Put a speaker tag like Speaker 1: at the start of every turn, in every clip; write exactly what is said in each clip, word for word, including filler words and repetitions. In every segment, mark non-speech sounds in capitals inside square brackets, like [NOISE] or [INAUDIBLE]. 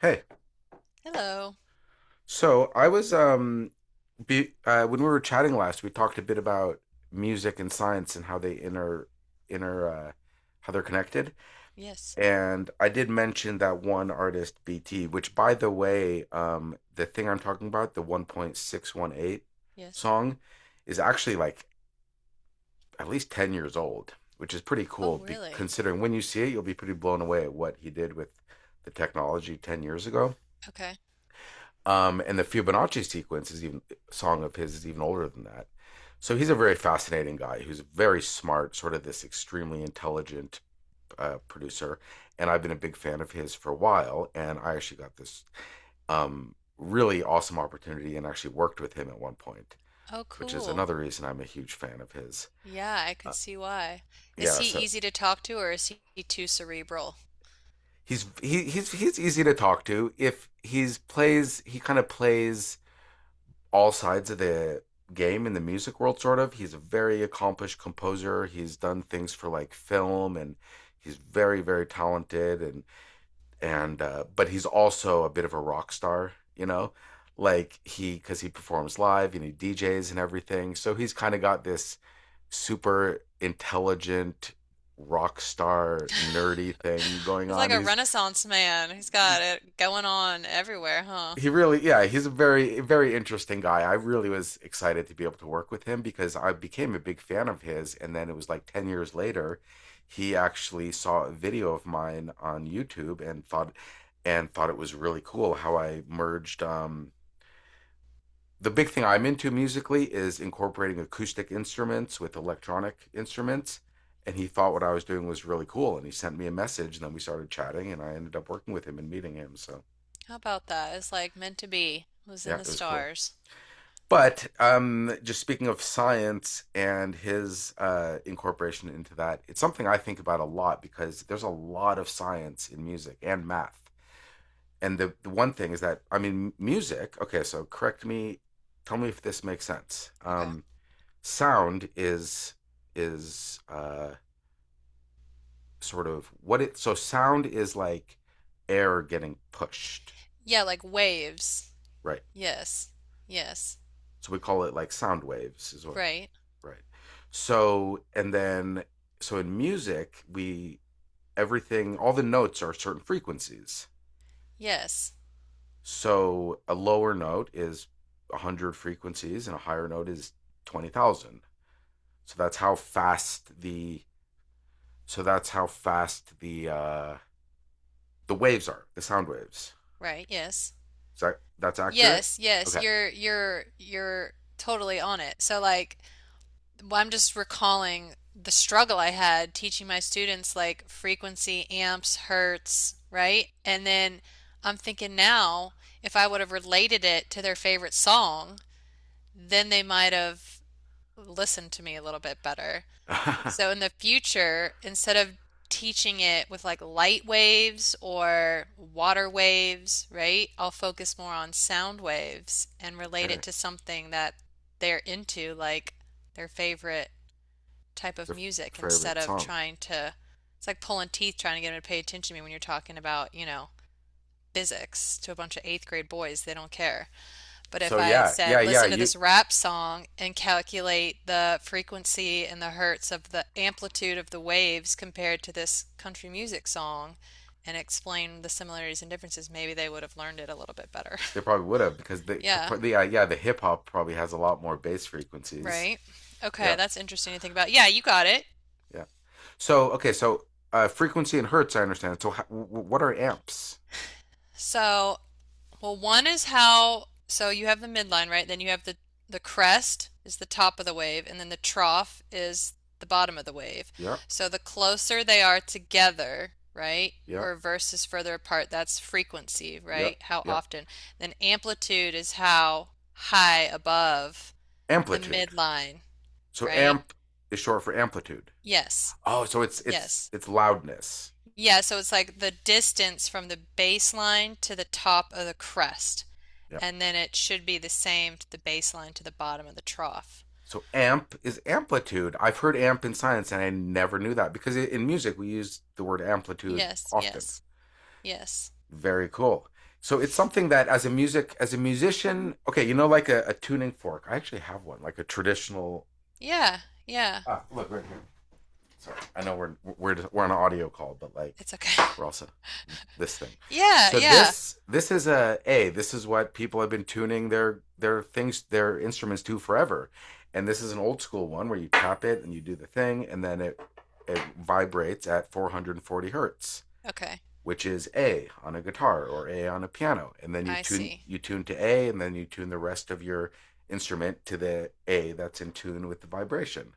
Speaker 1: Hey,
Speaker 2: Hello.
Speaker 1: so I was um be, uh, when we were chatting last, we talked a bit about music and science and how they inter inter uh, how they're connected.
Speaker 2: Yes.
Speaker 1: And I did mention that one artist, B T, which by the way, um, the thing I'm talking about, the one point six one eight
Speaker 2: Yes.
Speaker 1: song, is actually like at least ten years old, which is pretty
Speaker 2: Oh,
Speaker 1: cool. Be
Speaker 2: really?
Speaker 1: considering when you see it, you'll be pretty blown away at what he did with the technology ten years ago.
Speaker 2: Okay.
Speaker 1: Um, and the Fibonacci sequence is even song of his is even older than that. So he's a very fascinating guy who's very smart, sort of this extremely intelligent uh, producer. And I've been a big fan of his for a while. And I actually got this um, really awesome opportunity and actually worked with him at one point,
Speaker 2: Oh,
Speaker 1: which is
Speaker 2: cool.
Speaker 1: another reason I'm a huge fan of his.
Speaker 2: Yeah, I
Speaker 1: Uh,
Speaker 2: could see why. Is
Speaker 1: yeah,
Speaker 2: he
Speaker 1: so
Speaker 2: easy to talk to or is he too cerebral?
Speaker 1: he's he, he's he's easy to talk to. If he's plays, He kind of plays all sides of the game in the music world. Sort of he's a very accomplished composer. He's done things for like film, and he's very very talented. And and uh, But he's also a bit of a rock star, you know, like he because he performs live and he DJs and everything, so he's kind of got this super intelligent rock star nerdy thing
Speaker 2: [LAUGHS]
Speaker 1: going
Speaker 2: He's like
Speaker 1: on.
Speaker 2: a
Speaker 1: he's
Speaker 2: renaissance man. He's got it going on everywhere, huh?
Speaker 1: he really, yeah, he's a very very interesting guy. I really was excited to be able to work with him because I became a big fan of his, and then it was like ten years later he actually saw a video of mine on YouTube and thought and thought it was really cool how I merged um the big thing I'm into musically is incorporating acoustic instruments with electronic instruments. And he thought what I was doing was really cool, and he sent me a message, and then we started chatting, and I ended up working with him and meeting him. So
Speaker 2: How about that? It's like meant to be. It was in
Speaker 1: yeah,
Speaker 2: the
Speaker 1: it was cool.
Speaker 2: stars.
Speaker 1: But um, Just speaking of science and his uh, incorporation into that, it's something I think about a lot because there's a lot of science in music and math. And the, the one thing is that, I mean, music, okay, so correct me, tell me if this makes sense.
Speaker 2: Okay.
Speaker 1: Um, sound is, is uh, sort of what it, so sound is like air getting pushed,
Speaker 2: Yeah, like waves.
Speaker 1: right?
Speaker 2: Yes. Yes.
Speaker 1: So we call it like sound waves, is what.
Speaker 2: Right.
Speaker 1: Right. So, and then, so in music, we, everything, all the notes are certain frequencies.
Speaker 2: Yes.
Speaker 1: So a lower note is one hundred frequencies and a higher note is twenty thousand. So that's how fast the, so that's how fast the, uh, the waves are, the sound waves.
Speaker 2: Right. Yes.
Speaker 1: Is that, that's accurate?
Speaker 2: Yes, yes.
Speaker 1: Okay.
Speaker 2: You're you're you're totally on it. So like well, I'm just recalling the struggle I had teaching my students like frequency, amps, hertz, right? And then I'm thinking now, if I would have related it to their favorite song, then they might have listened to me a little bit better.
Speaker 1: [LAUGHS] Okay.
Speaker 2: So in the future, instead of teaching it with like light waves or water waves, right? I'll focus more on sound waves and relate it to something that they're into, like their favorite type of
Speaker 1: The
Speaker 2: music instead
Speaker 1: favorite
Speaker 2: of
Speaker 1: song.
Speaker 2: trying to it's like pulling teeth trying to get them to pay attention to me when you're talking about, you know, physics to a bunch of eighth grade boys. They don't care. But
Speaker 1: So
Speaker 2: if I
Speaker 1: yeah, yeah,
Speaker 2: said,
Speaker 1: yeah.
Speaker 2: listen to
Speaker 1: You
Speaker 2: this rap song and calculate the frequency and the hertz of the amplitude of the waves compared to this country music song and explain the similarities and differences, maybe they would have learned it a little bit better.
Speaker 1: they probably would have because
Speaker 2: [LAUGHS]
Speaker 1: the
Speaker 2: Yeah,
Speaker 1: yeah, yeah, the hip hop probably has a lot more bass frequencies.
Speaker 2: right? Okay,
Speaker 1: Yeah,
Speaker 2: that's interesting to think about. Yeah, you got it.
Speaker 1: yeah. So okay, so uh, frequency and hertz, I understand. So how, what are amps?
Speaker 2: So well, one is how, so you have the midline, right? Then you have the the crest is the top of the wave, and then the trough is the bottom of the wave.
Speaker 1: Yeah,
Speaker 2: So the closer they are together, right,
Speaker 1: yeah,
Speaker 2: or versus further apart, that's frequency,
Speaker 1: yeah,
Speaker 2: right? How
Speaker 1: yeah.
Speaker 2: often. Then amplitude is how high above the
Speaker 1: Amplitude.
Speaker 2: midline,
Speaker 1: So
Speaker 2: right?
Speaker 1: amp is short for amplitude.
Speaker 2: Yes.
Speaker 1: Oh, so it's it's
Speaker 2: Yes.
Speaker 1: it's loudness.
Speaker 2: Yeah, so it's like the distance from the baseline to the top of the crest.
Speaker 1: Yeah.
Speaker 2: And then it should be the same to the baseline to the bottom of the trough.
Speaker 1: So amp is amplitude. I've heard amp in science, and I never knew that because in music we use the word amplitude
Speaker 2: Yes,
Speaker 1: often.
Speaker 2: yes, yes.
Speaker 1: Very cool. So it's something that as a music as a musician, okay, you know, like a, a tuning fork. I actually have one, like a traditional.
Speaker 2: Yeah, yeah.
Speaker 1: Ah, look right here. Sorry, I know we're we're we're on an audio call, but like
Speaker 2: It's okay.
Speaker 1: we're also
Speaker 2: [LAUGHS]
Speaker 1: this thing.
Speaker 2: Yeah,
Speaker 1: So
Speaker 2: yeah.
Speaker 1: this this is a a this is what people have been tuning their their things, their instruments to forever, and this is an old school one where you tap it and you do the thing, and then it it vibrates at four hundred forty hertz,
Speaker 2: Okay.
Speaker 1: which is A on a guitar or A on a piano, and then you
Speaker 2: I
Speaker 1: tune
Speaker 2: see.
Speaker 1: you tune to A, and then you tune the rest of your instrument to the A that's in tune with the vibration.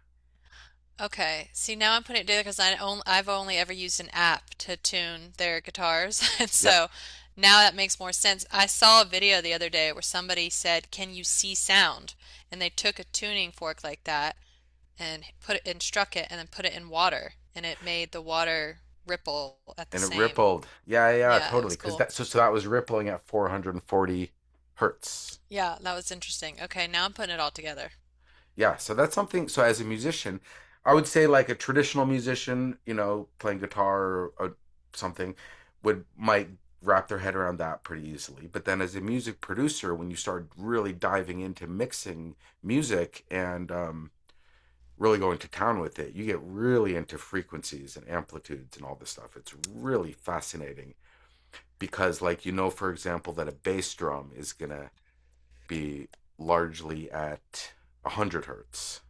Speaker 2: Okay. See, now I'm putting it together because I only, I've only ever used an app to tune their guitars. [LAUGHS] And
Speaker 1: Yep,
Speaker 2: so now that makes more sense. I saw a video the other day where somebody said, can you see sound? And they took a tuning fork like that and put it and struck it and then put it in water and it made the water ripple at the
Speaker 1: and it
Speaker 2: same.
Speaker 1: rippled. Yeah, yeah,
Speaker 2: Yeah, it
Speaker 1: totally.
Speaker 2: was
Speaker 1: Because
Speaker 2: cool.
Speaker 1: that so so that was rippling at four hundred forty hertz.
Speaker 2: Yeah, that was interesting. Okay, now I'm putting it all together.
Speaker 1: Yeah, so that's something. So as a musician, I would say like a traditional musician, you know, playing guitar or, or something, would might wrap their head around that pretty easily. But then as a music producer, when you start really diving into mixing music and um, really going to town with it, you get really into frequencies and amplitudes and all this stuff. It's really fascinating because, like, you know, for example, that a bass drum is going to be largely at one hundred hertz,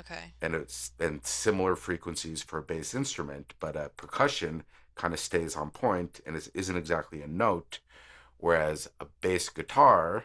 Speaker 2: Okay,
Speaker 1: and it's and similar frequencies for a bass instrument, but a percussion kind of stays on point and is, isn't exactly a note, whereas a bass guitar,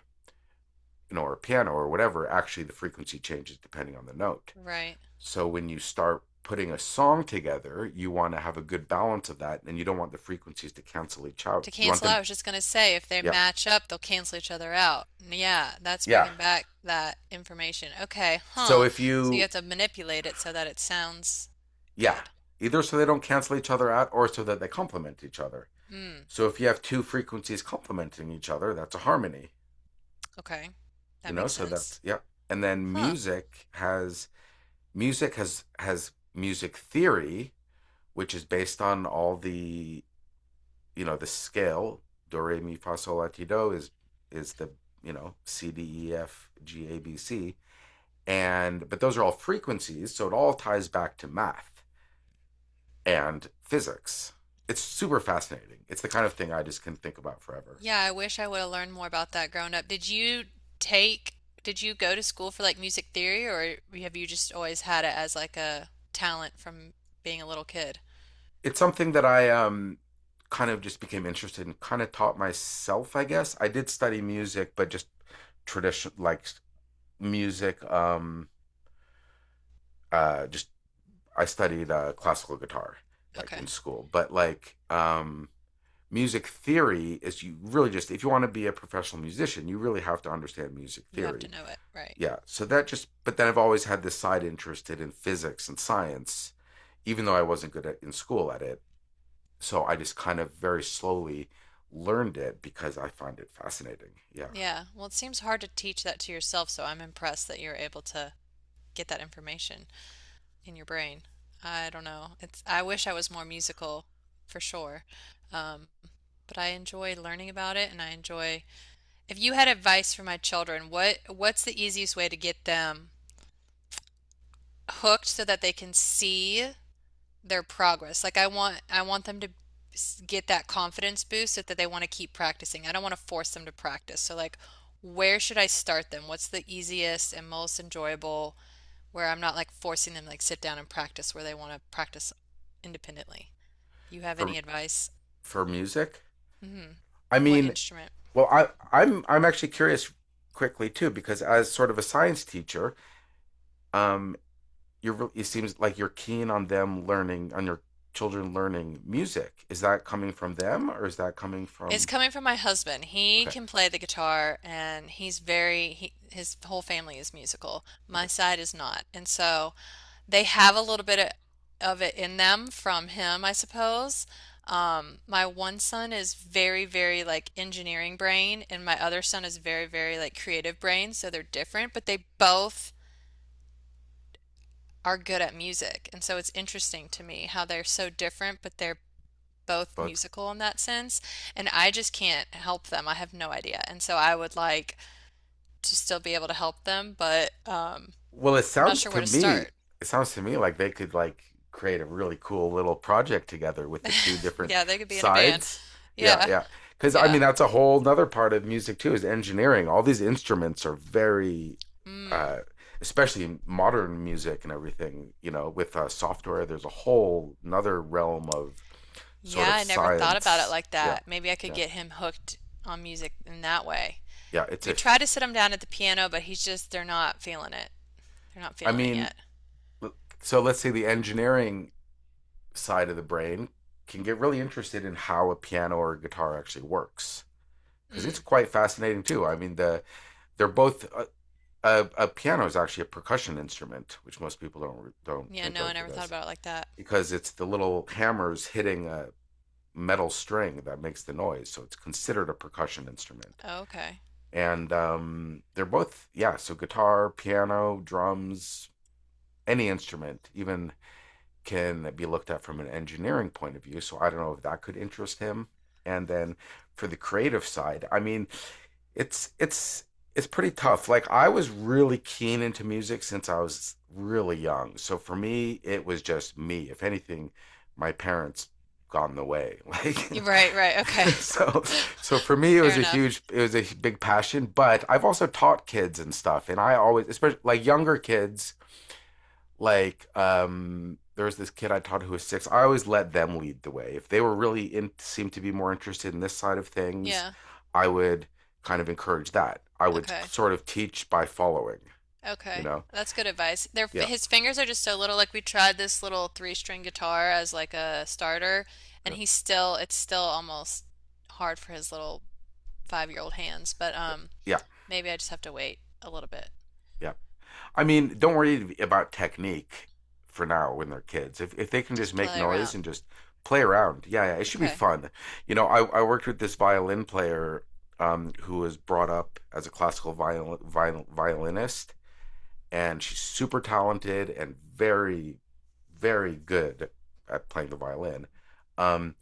Speaker 1: you know, or a piano or whatever, actually the frequency changes depending on the note.
Speaker 2: right.
Speaker 1: So when you start putting a song together, you want to have a good balance of that, and you don't want the frequencies to cancel each out.
Speaker 2: To
Speaker 1: You want
Speaker 2: cancel
Speaker 1: them,
Speaker 2: out, I
Speaker 1: to,
Speaker 2: was just gonna say if they
Speaker 1: yeah,
Speaker 2: match up, they'll cancel each other out. Yeah, that's
Speaker 1: yeah.
Speaker 2: bringing back that information. Okay,
Speaker 1: So
Speaker 2: huh.
Speaker 1: if
Speaker 2: So you
Speaker 1: you,
Speaker 2: have to manipulate it so that it sounds
Speaker 1: yeah,
Speaker 2: good.
Speaker 1: either so they don't cancel each other out, or so that they complement each other.
Speaker 2: Mm,
Speaker 1: So if you have two frequencies complementing each other, that's a harmony,
Speaker 2: okay.
Speaker 1: you
Speaker 2: That
Speaker 1: know?
Speaker 2: makes
Speaker 1: So
Speaker 2: sense.
Speaker 1: that's yeah. And then
Speaker 2: Huh.
Speaker 1: music has music has has music theory, which is based on all the, you know, the scale, do re mi fa sol la ti do is is the, you know, C D E F G A B C, and but those are all frequencies, so it all ties back to math and physics. It's super fascinating. It's the kind of thing I just can think about forever.
Speaker 2: Yeah, I wish I would have learned more about that growing up. Did you take, did you go to school for like music theory or have you just always had it as like a talent from being a little kid?
Speaker 1: It's something that I um kind of just became interested in, kind of taught myself, I guess. I did study music, but just tradition like music. Um, uh, just I studied uh, classical guitar like
Speaker 2: Okay.
Speaker 1: in school, but like um, music theory is, you really just, if you want to be a professional musician, you really have to understand music
Speaker 2: You have to
Speaker 1: theory.
Speaker 2: know it, right?
Speaker 1: Yeah, so that just but then I've always had this side interested in physics and science, even though I wasn't good at in school at it. So I just kind of very slowly learned it because I find it fascinating. Yeah.
Speaker 2: Yeah. Well, it seems hard to teach that to yourself, so I'm impressed that you're able to get that information in your brain. I don't know. It's I wish I was more musical for sure. Um, but I enjoy learning about it and I enjoy if you had advice for my children, what what's the easiest way to get them hooked so that they can see their progress. Like I want I want them to get that confidence boost so that they want to keep practicing. I don't want to force them to practice. So like where should I start them? What's the easiest and most enjoyable where I'm not like forcing them to like sit down and practice where they want to practice independently. Do you have
Speaker 1: For
Speaker 2: any advice?
Speaker 1: for music,
Speaker 2: Hmm.
Speaker 1: I
Speaker 2: What
Speaker 1: mean,
Speaker 2: instrument?
Speaker 1: well, I I'm I'm actually curious quickly too because as sort of a science teacher, um, you're it seems like you're keen on them learning on your children learning music. Is that coming from them or is that coming
Speaker 2: It's
Speaker 1: from?
Speaker 2: coming from my husband. He
Speaker 1: Okay,
Speaker 2: can play the guitar and he's very, he, his whole family is musical. My
Speaker 1: okay,
Speaker 2: side is not. And so they have a little bit of, of it in them from him, I suppose. Um, my one son is very, very like engineering brain, and my other son is very, very like creative brain. So they're different, but they both are good at music. And so it's interesting to me how they're so different, but they're both
Speaker 1: both.
Speaker 2: musical in that sense, and I just can't help them. I have no idea. And so I would like to still be able to help them, but um,
Speaker 1: Well, it
Speaker 2: I'm not
Speaker 1: sounds
Speaker 2: sure
Speaker 1: to
Speaker 2: where to
Speaker 1: me,
Speaker 2: start.
Speaker 1: it sounds to me like they could like create a really cool little project together with the two
Speaker 2: [LAUGHS]
Speaker 1: different
Speaker 2: Yeah, they could be in a band.
Speaker 1: sides. Yeah,
Speaker 2: Yeah,
Speaker 1: yeah. Because I
Speaker 2: yeah.
Speaker 1: mean, that's a whole nother part of music too, is engineering. All these instruments are very,
Speaker 2: Mm.
Speaker 1: uh, especially in modern music and everything. You know, with uh, software, there's a whole nother realm of sort
Speaker 2: Yeah,
Speaker 1: of
Speaker 2: I never thought about it
Speaker 1: science.
Speaker 2: like
Speaker 1: Yeah,
Speaker 2: that. Maybe I could
Speaker 1: yeah,
Speaker 2: get him hooked on music in that way.
Speaker 1: yeah. It's
Speaker 2: We
Speaker 1: a.
Speaker 2: tried to sit him down at the piano, but he's just, they're not feeling it. They're not
Speaker 1: I
Speaker 2: feeling it
Speaker 1: mean,
Speaker 2: yet.
Speaker 1: so let's say the engineering side of the brain can get really interested in how a piano or a guitar actually works because it's
Speaker 2: Mm.
Speaker 1: quite fascinating too. I mean, the they're both a, a, a piano is actually a percussion instrument, which most people don't don't
Speaker 2: Yeah,
Speaker 1: think
Speaker 2: no, I
Speaker 1: of it
Speaker 2: never thought
Speaker 1: as
Speaker 2: about it like that.
Speaker 1: because it's the little hammers hitting a metal string that makes the noise, so it's considered a percussion instrument.
Speaker 2: Oh, okay.
Speaker 1: And um, they're both yeah, so guitar, piano, drums, any instrument, even, can be looked at from an engineering point of view. So I don't know if that could interest him. And then for the creative side, I mean, it's it's it's pretty tough. Like I was really keen into music since I was really young. So for me, it was just me. If anything, my parents gone the way. Like
Speaker 2: Right, right. Okay.
Speaker 1: [LAUGHS] so so for
Speaker 2: [LAUGHS]
Speaker 1: me it
Speaker 2: Fair
Speaker 1: was a
Speaker 2: enough.
Speaker 1: huge it was a big passion, but I've also taught kids and stuff, and I always, especially like younger kids, like um there was this kid I taught who was six. I always let them lead the way. If they were really in seemed to be more interested in this side of things,
Speaker 2: Yeah.
Speaker 1: I would kind of encourage that. I would
Speaker 2: Okay.
Speaker 1: sort of teach by following, you
Speaker 2: Okay.
Speaker 1: know?
Speaker 2: That's good advice. Their
Speaker 1: Yeah.
Speaker 2: his fingers are just so little. Like we tried this little three-string guitar as like a starter,
Speaker 1: Yeah.
Speaker 2: and he's still it's still almost hard for his little five-year-old hands. But um,
Speaker 1: Yeah.
Speaker 2: maybe I just have to wait a little bit.
Speaker 1: Yeah. I mean, don't worry about technique for now when they're kids. If if they can just
Speaker 2: Just
Speaker 1: make
Speaker 2: play
Speaker 1: noise
Speaker 2: around.
Speaker 1: and just play around. Yeah, yeah. It should be
Speaker 2: Okay.
Speaker 1: fun. You know, I, I worked with this violin player um, who was brought up as a classical viol- viol- violinist, and she's super talented and very, very good at playing the violin. Um,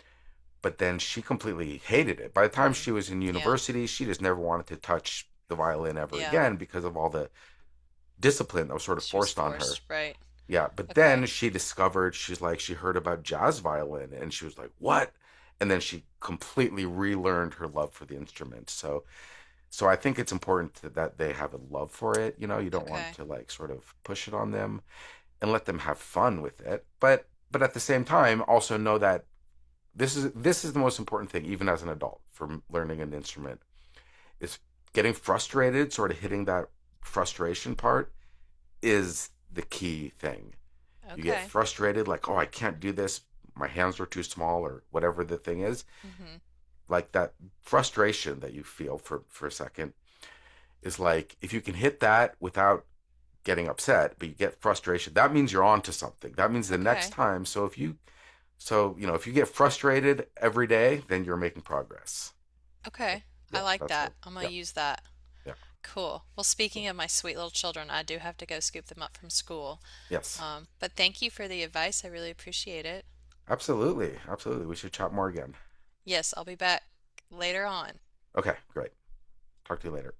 Speaker 1: but then she completely hated it. By the time
Speaker 2: Hmm.
Speaker 1: she was in
Speaker 2: Yeah.
Speaker 1: university, she just never wanted to touch the violin ever
Speaker 2: Yeah.
Speaker 1: again because of all the discipline that was sort of
Speaker 2: She was
Speaker 1: forced on her.
Speaker 2: forced, right?
Speaker 1: Yeah, but
Speaker 2: Okay.
Speaker 1: then she discovered, she's like, she heard about jazz violin and she was like, "What?" And then she completely relearned her love for the instrument. So, so I think it's important to, that they have a love for it. You know, you don't want
Speaker 2: Okay.
Speaker 1: to like sort of push it on them and let them have fun with it. But but at the same time, also know that this is this is the most important thing, even as an adult, for learning an instrument. Is getting frustrated, sort of hitting that frustration part, is the key thing. You get
Speaker 2: Okay.
Speaker 1: frustrated, like, oh, I can't do this. My hands are too small, or whatever the thing is.
Speaker 2: Mm-hmm.
Speaker 1: Like that frustration that you feel for for a second is like, if you can hit that without getting upset, but you get frustration, that means you're on to something. That means the next
Speaker 2: Okay.
Speaker 1: time. So if you so, you know, if you get frustrated every day, then you're making progress. That,
Speaker 2: Okay. I
Speaker 1: yeah,
Speaker 2: like
Speaker 1: that's how,
Speaker 2: that. I'm gonna
Speaker 1: yeah,
Speaker 2: use that.
Speaker 1: yeah,
Speaker 2: Cool. Well,
Speaker 1: cool.
Speaker 2: speaking of my sweet little children, I do have to go scoop them up from school.
Speaker 1: Yes,
Speaker 2: Um, but thank you for the advice. I really appreciate it.
Speaker 1: absolutely. Absolutely. We should chat more again.
Speaker 2: Yes, I'll be back later on.
Speaker 1: Okay, great. Talk to you later.